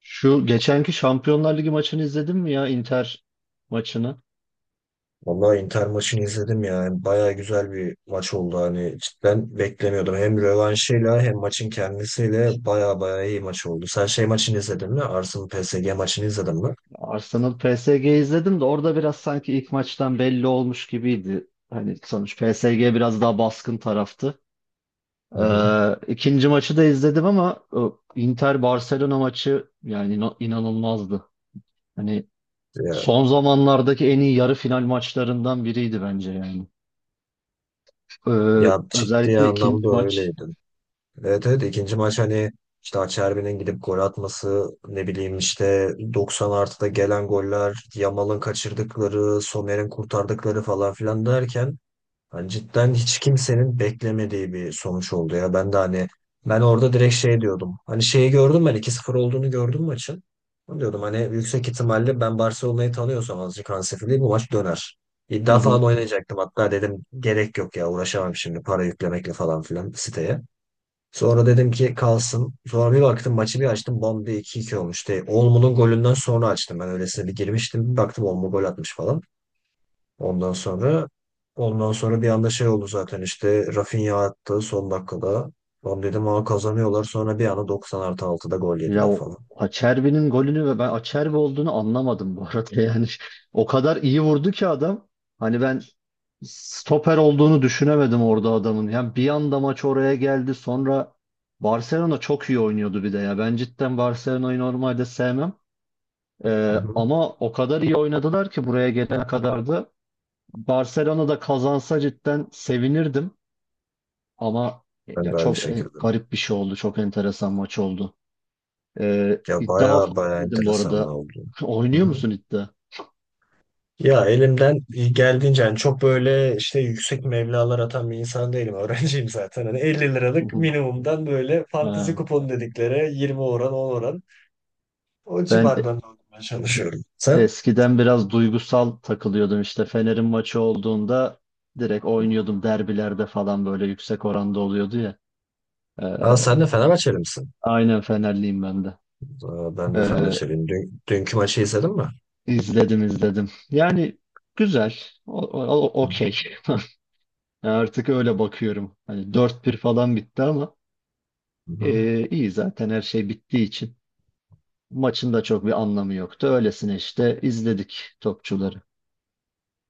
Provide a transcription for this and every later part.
Şu geçenki Şampiyonlar Ligi maçını izledin mi ya Inter maçını? Vallahi Inter maçını izledim ya. Bayağı güzel bir maç oldu. Hani cidden beklemiyordum. Hem rövanşıyla hem maçın kendisiyle bayağı bayağı iyi maç oldu. Sen şey maçını izledin mi? Arsenal PSG maçını izledin mi? Arsenal PSG izledim de orada biraz sanki ilk maçtan belli olmuş gibiydi. Hani sonuç PSG biraz daha baskın taraftı. Hı hı. İkinci maçı da izledim ama Inter Barcelona maçı yani inanılmazdı. Hani Ya, son zamanlardaki en iyi yarı final maçlarından biriydi bence yani. Ee, ya, ciddi Özellikle ikinci anlamda maç. öyleydi. Evet evet, ikinci maç hani işte Acerbi'nin gidip gol atması, ne bileyim işte 90 artıda gelen goller, Yamal'ın kaçırdıkları, Sommer'in kurtardıkları falan filan derken yani cidden hiç kimsenin beklemediği bir sonuç oldu ya. Ben de hani ben orada direkt şey diyordum. Hani şeyi gördüm, ben 2-0 olduğunu gördüm maçın. Ben diyordum hani yüksek ihtimalle ben Barcelona'yı tanıyorsam azıcık Hansi Flick bu maç döner. Hı İddia falan hı. oynayacaktım hatta, dedim gerek yok ya, uğraşamam şimdi para yüklemekle falan filan siteye. Sonra dedim ki kalsın. Sonra bir baktım, maçı bir açtım, bam diye iki 2 olmuş. Olmo'nun golünden sonra açtım, ben öylesine bir girmiştim. Bir baktım Olmo gol atmış falan. Ondan sonra ondan sonra bir anda şey oldu zaten, işte Rafinha attı son dakikada. Lan dedim, aa, kazanıyorlar. Sonra bir anda 90 artı 6'da gol Ya yediler o falan. Acerbi'nin golünü ve ben Acerbi olduğunu anlamadım bu arada yani. O kadar iyi vurdu ki adam. Hani ben stoper olduğunu düşünemedim orada adamın. Yani bir anda maç oraya geldi. Sonra Barcelona çok iyi oynuyordu bir de ya. Ben cidden Barcelona'yı normalde sevmem. Hı hı. Ama o kadar iyi oynadılar ki buraya gelene kadar da Barcelona da kazansa cidden sevinirdim. Ama Ben ya de aynı çok şekilde. garip bir şey oldu. Çok enteresan maç oldu. Ya İddia baya falan baya dedim bu enteresan arada. oldu. Hı Oynuyor hı. musun iddia? Ya elimden geldiğince yani, çok böyle işte yüksek meblağlar atan bir insan değilim. Öğrenciyim zaten. Hani 50 Hı liralık hı. minimumdan böyle fantezi Ha. kupon dedikleri 20 oran 10 oran o Ben civardan almaya çalışıyorum. Sen? eskiden biraz duygusal takılıyordum işte. Fener'in maçı olduğunda direkt oynuyordum. Derbilerde falan böyle yüksek oranda oluyordu ya. Aa, Ee, sen de Fenerbahçeli misin? aynen Fenerliyim ben de. Aa, ben de Ee, Fenerbahçeliyim. Dünkü maçı izledin mi? izledim izledim. Yani güzel. Okey. Artık öyle bakıyorum. Hani 4-1 falan bitti ama Hı hı. İyi zaten her şey bittiği için. Maçın da çok bir anlamı yoktu. Öylesine işte izledik topçuları.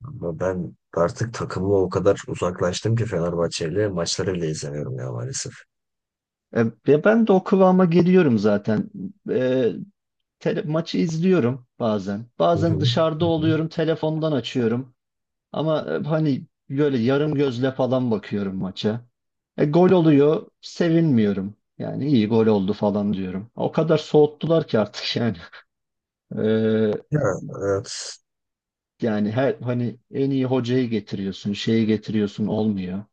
Ama ben artık takımı o kadar uzaklaştım ki Fenerbahçeli maçları bile izlemiyorum ya maalesef. Ve ben de o kıvama geliyorum zaten. E, maçı izliyorum bazen. Hı hı. Bazen dışarıda Hı hı. oluyorum, telefondan açıyorum. Ama hani böyle yarım gözle falan bakıyorum maça. Gol oluyor, sevinmiyorum. Yani iyi gol oldu falan diyorum. O kadar soğuttular ki artık yani. E, Ya evet. Yani her hani en iyi hocayı getiriyorsun, şeyi getiriyorsun olmuyor.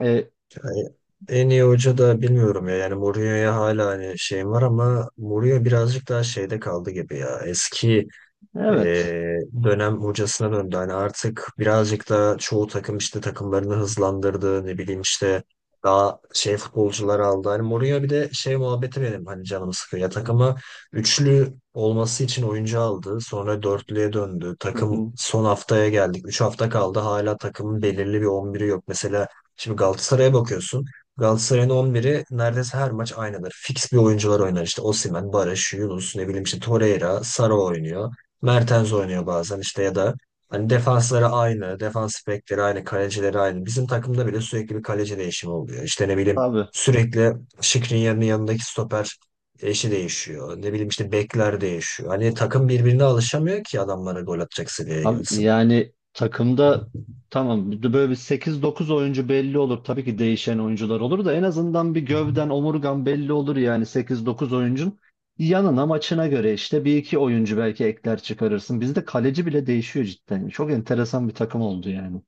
E, Yani en iyi hoca da bilmiyorum ya. Yani Mourinho'ya hala hani şeyim var ama Mourinho birazcık daha şeyde kaldı gibi ya. Eski evet. Ee, dönem hocasına döndü. Hani artık birazcık da çoğu takım işte takımlarını hızlandırdı. Ne bileyim işte daha şey futbolcular aldı. Hani Mourinho bir de şey muhabbeti benim hani canımı sıkıyor. Ya takımı üçlü olması için oyuncu aldı. Sonra dörtlüye döndü. Hı Takım hı. son haftaya geldik. 3 hafta kaldı. Hala takımın belirli bir 11'i yok. Mesela şimdi Galatasaray'a bakıyorsun. Galatasaray'ın 11'i neredeyse her maç aynıdır. Fix bir oyuncular oynar işte. Osimhen, Barış, Yunus, ne bileyim işte Torreira, Sara oynuyor. Mertens oynuyor bazen işte, ya da hani defansları aynı, defans bekleri aynı, kalecileri aynı. Bizim takımda bile sürekli bir kaleci değişimi oluyor. İşte ne bileyim Abi, sürekli Skriniar'ın yanındaki stoper eşi değişiyor. Ne bileyim işte bekler değişiyor. Hani takım birbirine alışamıyor ki adamlara gol atacak seviyeye abi, gelsin. yani takımda tamam bir de böyle bir sekiz dokuz oyuncu belli olur. Tabii ki değişen oyuncular olur da en azından bir Hı gövden hı. omurgan belli olur yani sekiz dokuz oyuncun yanına maçına göre işte bir iki oyuncu belki ekler çıkarırsın. Bizde kaleci bile değişiyor cidden. Çok enteresan bir takım oldu yani.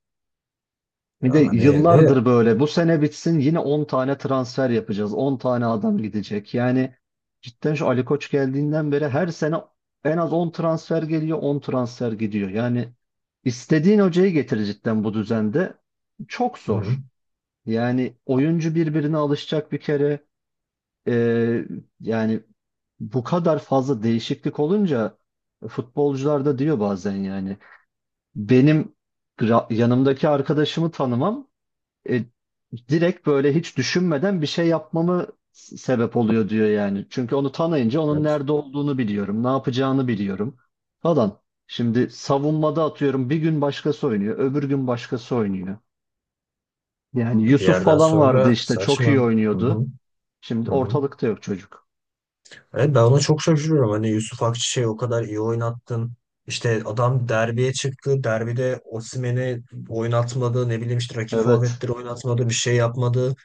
Bir de Yani ve yıllardır böyle. Bu sene bitsin yine 10 tane transfer yapacağız. 10 tane adam gidecek. Yani cidden şu Ali Koç geldiğinden beri her sene en az 10 transfer geliyor, 10 transfer gidiyor. Yani istediğin hocayı getir cidden bu düzende. Çok hı, zor. Yani oyuncu birbirine alışacak bir kere. Ee, Yani bu kadar fazla değişiklik olunca futbolcular da diyor bazen yani. Benim yanımdaki arkadaşımı tanımam e, direkt böyle hiç düşünmeden bir şey yapmamı sebep oluyor diyor yani. Çünkü onu tanıyınca onun evet. nerede olduğunu biliyorum, ne yapacağını biliyorum falan. Şimdi savunmada atıyorum bir gün başkası oynuyor, öbür gün başkası oynuyor. Yani Bir Yusuf yerden falan vardı sonra işte çok iyi saçma. Hı oynuyordu. hı, Şimdi hı hı. ortalıkta yok çocuk. Evet, ben ona çok şaşırıyorum. Hani Yusuf Akçiçek'i o kadar iyi oynattın. İşte adam derbiye çıktı. Derbide Osimhen'i oynatmadı. Ne bileyim işte rakip Evet. forvetleri oynatmadı. Bir şey yapmadı.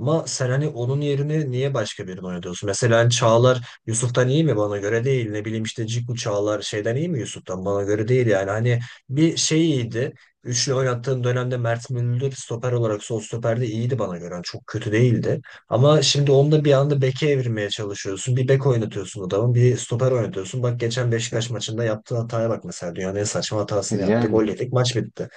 Ama sen hani onun yerine niye başka birini oynatıyorsun? Mesela hani Çağlar Yusuf'tan iyi mi? Bana göre değil. Ne bileyim işte Ciku Çağlar şeyden iyi mi Yusuf'tan? Bana göre değil yani. Hani bir şey iyiydi. Üçlü oynattığın dönemde Mert Müldür stoper olarak sol stoperde iyiydi bana göre. Yani çok kötü değildi. Ama şimdi onu da bir anda beke evirmeye çalışıyorsun. Bir bek oynatıyorsun adamı, bir stoper oynatıyorsun. Bak geçen Beşiktaş maçında yaptığı hataya bak mesela. Dünyanın en saçma hatasını yaptı. Yani. Gol yedik, maç bitti.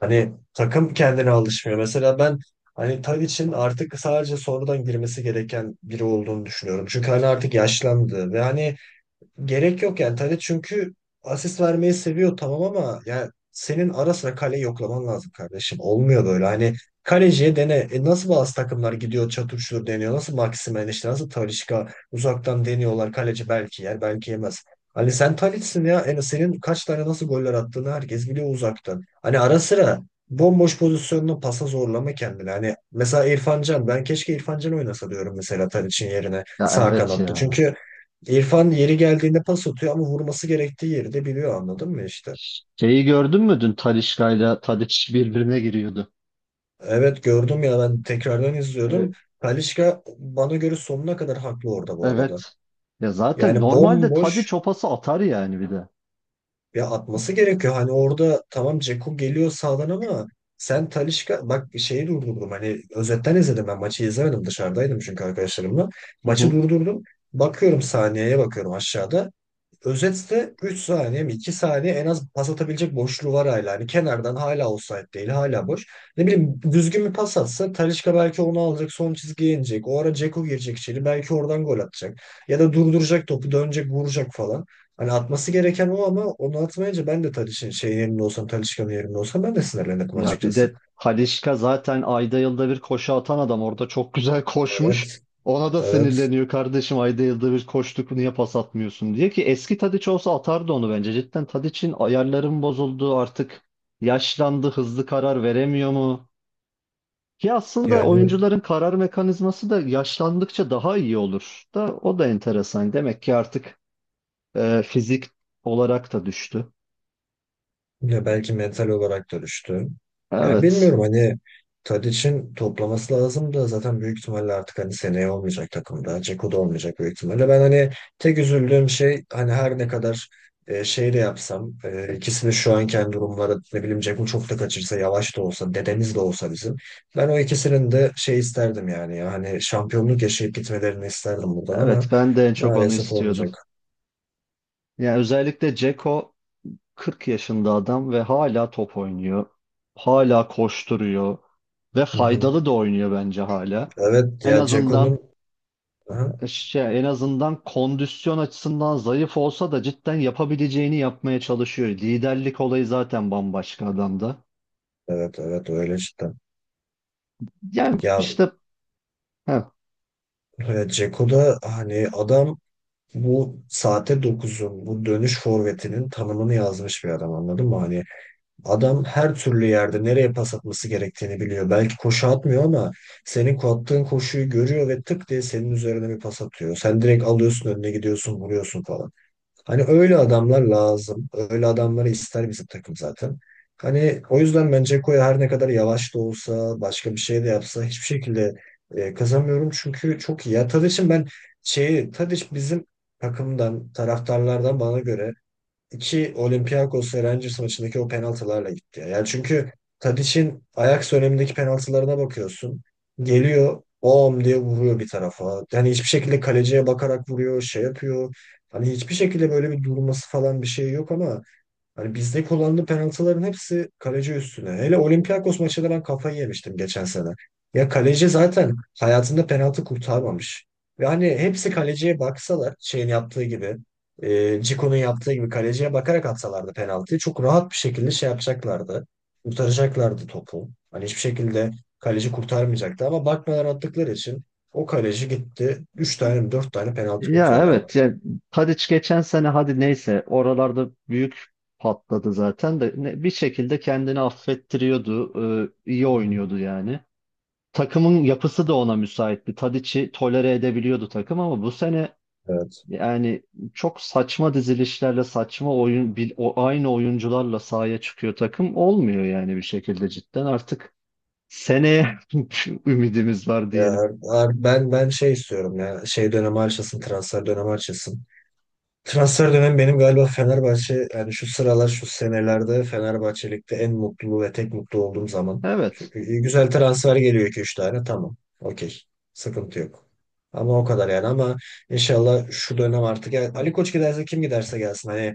Hani takım kendine alışmıyor. Mesela ben hani Tadic'in artık sadece sonradan girmesi gereken biri olduğunu düşünüyorum. Çünkü hani artık yaşlandı ve hani gerek yok yani. Tadic çünkü asist vermeyi seviyor, tamam, ama yani senin ara sıra kaleyi yoklaman lazım kardeşim. Olmuyor böyle. Hani kaleciye dene. E nasıl bazı takımlar gidiyor çatır çutur deniyor. Nasıl Maximen işte nasıl Talisca uzaktan deniyorlar. Kaleci belki yer belki yemez. Hani sen Talis'sin ya, en senin kaç tane nasıl goller attığını herkes biliyor uzaktan. Hani ara sıra bomboş pozisyonunu pasa zorlama kendini. Hani mesela İrfan Can, ben keşke İrfan Can oynasa diyorum mesela Tadiç'in yerine Ya sağ evet kanatta. ya. Çünkü İrfan yeri geldiğinde pas atıyor ama vurması gerektiği yeri de biliyor, anladın mı işte. Şeyi gördün mü dün Talisca'yla Tadiç birbirine giriyordu. Evet gördüm ya, ben tekrardan izliyordum. E, Talisca bana göre sonuna kadar haklı orada bu arada. evet. Ya zaten Yani normalde bomboş, Tadiç o pası atar yani bir de. ya atması gerekiyor. Hani orada tamam Dzeko geliyor sağdan ama sen Talisca bak, şeyi durdurdum. Hani özetten izledim, ben maçı izlemedim, dışarıdaydım çünkü arkadaşlarımla. Hı Maçı hı. durdurdum. Bakıyorum saniyeye, bakıyorum aşağıda. Özetse 3 saniye mi 2 saniye en az pas atabilecek boşluğu var hala. Hani kenardan hala offside değil, hala boş. Ne bileyim düzgün bir pas atsa Talisca belki onu alacak, son çizgiye inecek. O ara Dzeko girecek içeri, belki oradan gol atacak. Ya da durduracak topu, dönecek, vuracak falan. Hani atması gereken o ama onu atmayınca ben de Talisca'nın yerinde olsam ben de sinirlenirdim Ya bir açıkçası. de Halişka zaten ayda yılda bir koşu atan adam orada çok güzel koşmuş. Evet Ona da evet sinirleniyor kardeşim, ayda yılda bir koştuk niye pas atmıyorsun diye ki eski Tadiç olsa atardı onu bence. Cidden Tadiç'in ayarların bozuldu, artık yaşlandı, hızlı karar veremiyor mu? Ki aslında yani. oyuncuların karar mekanizması da yaşlandıkça daha iyi olur, da o da enteresan. Demek ki artık fizik olarak da düştü. Ya belki mental olarak dönüştü. Yani Evet, bilmiyorum hani Tadiç'in toplaması lazım da zaten büyük ihtimalle artık hani seneye olmayacak takımda. Ceko da olmayacak büyük ihtimalle. Ben hani tek üzüldüğüm şey, hani her ne kadar şey de yapsam, ikisini şu anken durumları ne bileyim, Ceko çok da kaçırsa, yavaş da olsa, dedemiz de olsa bizim. Ben o ikisinin de şey isterdim yani, ya hani şampiyonluk yaşayıp gitmelerini isterdim buradan evet, ama ben de en çok onu maalesef istiyordum. olmayacak. Yani özellikle Ceko 40 yaşında adam ve hala top oynuyor. Hala koşturuyor ve Hı hı. faydalı da oynuyor bence hala. Evet En ya azından Ceko'nun. Aha. En azından kondisyon açısından zayıf olsa da cidden yapabileceğini yapmaya çalışıyor. Liderlik olayı zaten bambaşka adamda. Evet evet öyle işte. Yani Ya işte heh, Dzeko da hani adam bu saate dokuzun bu dönüş forvetinin tanımını yazmış bir adam, anladın mı? Hani adam her türlü yerde nereye pas atması gerektiğini biliyor. Belki koşu atmıyor ama senin attığın koşuyu görüyor ve tık diye senin üzerine bir pas atıyor. Sen direkt alıyorsun, önüne gidiyorsun, vuruyorsun falan. Hani öyle adamlar lazım. Öyle adamları ister bizim takım zaten. Hani o yüzden bence Dzeko her ne kadar yavaş da olsa, başka bir şey de yapsa hiçbir şekilde kazanmıyorum. Çünkü çok iyi. Ya Tadiç'in ben şeyi, Tadiç bizim takımdan, taraftarlardan bana göre iki Olympiakos ve Rangers maçındaki o penaltılarla gitti ya. Yani çünkü Tadic'in Ajax dönemindeki penaltılarına bakıyorsun. Geliyor, bom diye vuruyor bir tarafa. Yani hiçbir şekilde kaleciye bakarak vuruyor, şey yapıyor. Hani hiçbir şekilde böyle bir durması falan bir şey yok ama hani bizde kullanılan penaltıların hepsi kaleci üstüne. Hele Olympiakos maçında ben kafayı yemiştim geçen sene. Ya kaleci zaten hayatında penaltı kurtarmamış. Ve hani hepsi kaleciye baksalar şeyin yaptığı gibi, Cico'nun yaptığı gibi, kaleciye bakarak atsalardı penaltıyı çok rahat bir şekilde şey yapacaklardı. Kurtaracaklardı topu. Hani hiçbir şekilde kaleci kurtarmayacaktı ama bakmadan attıkları için o kaleci gitti. 3 tane mi 4 tane penaltı ya kurtardı ama. evet yani Tadic geçen sene hadi neyse oralarda büyük patladı zaten de bir şekilde kendini affettiriyordu. İyi oynuyordu yani. Takımın yapısı da ona müsaitti. Tadiç'i tolere edebiliyordu takım ama bu sene Evet. yani çok saçma dizilişlerle saçma oyun o aynı oyuncularla sahaya çıkıyor takım olmuyor yani bir şekilde cidden artık seneye ümidimiz var diyelim. Ya ben şey istiyorum ya. Şey dönemi açılsın, transfer dönemi açılsın. Transfer dönemi benim galiba Fenerbahçe yani şu sıralar şu senelerde Fenerbahçelik'te en mutlu ve tek mutlu olduğum zaman. Evet. Çünkü güzel transfer geliyor 2 üç tane, tamam. Okey. Sıkıntı yok. Ama o kadar yani, ama inşallah şu dönem artık yani Ali Koç giderse, kim giderse gelsin. Hani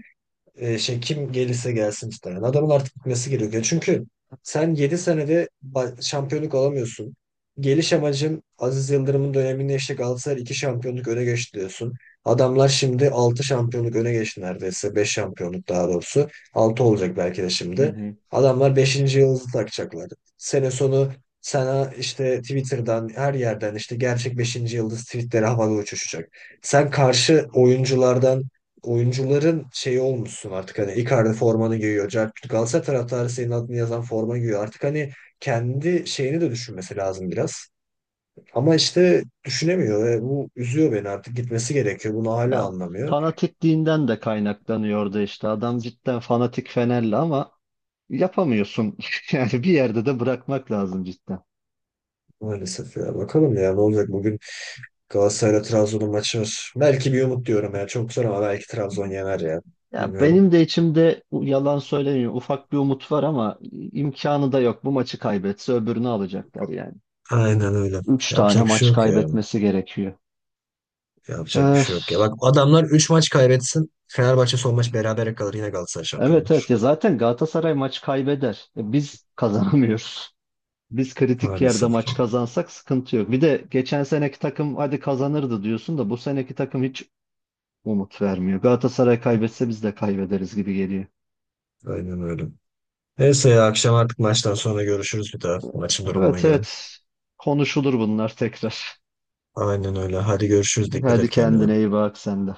şey, kim gelirse gelsin muhtemelen. Adamın artık gitmesi gerekiyor. Çünkü sen 7 senede şampiyonluk alamıyorsun. Geliş amacın Aziz Yıldırım'ın döneminde işte Galatasaray 2 şampiyonluk öne geçti diyorsun. Adamlar şimdi 6 şampiyonluk öne geçti neredeyse. Beş şampiyonluk daha doğrusu. Altı olacak belki de Hı şimdi. hı. Adamlar beşinci yıldızı takacaklar. Sene sonu sana işte Twitter'dan her yerden işte gerçek beşinci yıldız tweetleri havada uçuşacak. Sen karşı oyunculardan oyuncuların şeyi olmuşsun artık, hani Icardi formanı giyiyor. Cercut Galatasaray taraftarı senin adını yazan forma giyiyor. Artık hani kendi şeyini de düşünmesi lazım biraz. Ama işte düşünemiyor ve bu üzüyor beni, artık gitmesi gerekiyor. Bunu hala Ya anlamıyor. fanatikliğinden de kaynaklanıyordu işte. Adam cidden fanatik Fenerli ama yapamıyorsun. Yani bir yerde de bırakmak lazım cidden. Maalesef ya, bakalım ya ne olacak bugün. Galatasaray'la Trabzon'un maçı var. Belki bir umut diyorum ya, çok zor ama belki Trabzon yener ya. Ya Bilmiyorum. benim de içimde yalan söylemiyorum. Ufak bir umut var ama imkanı da yok. Bu maçı kaybetse öbürünü alacaklar yani. Aynen öyle. Üç tane Yapacak bir şey maç yok ya. kaybetmesi gerekiyor. Yapacak bir şey Öf. yok ya. Bak adamlar 3 maç kaybetsin, Fenerbahçe son maç berabere kalır, yine Galatasaray şampiyon. Evet, evet, ya zaten Galatasaray maç kaybeder. Biz kazanamıyoruz. Biz kritik yerde Maalesef ki. maç kazansak sıkıntı yok. Bir de geçen seneki takım hadi kazanırdı diyorsun da bu seneki takım hiç umut vermiyor. Galatasaray kaybetse biz de kaybederiz gibi geliyor. Aynen öyle. Neyse ya, akşam artık maçtan sonra görüşürüz bir daha. Maçın durumuna Evet, göre. evet, konuşulur bunlar tekrar. Aynen öyle. Hadi görüşürüz. Dikkat Hadi et kendine. kendine iyi bak sen de.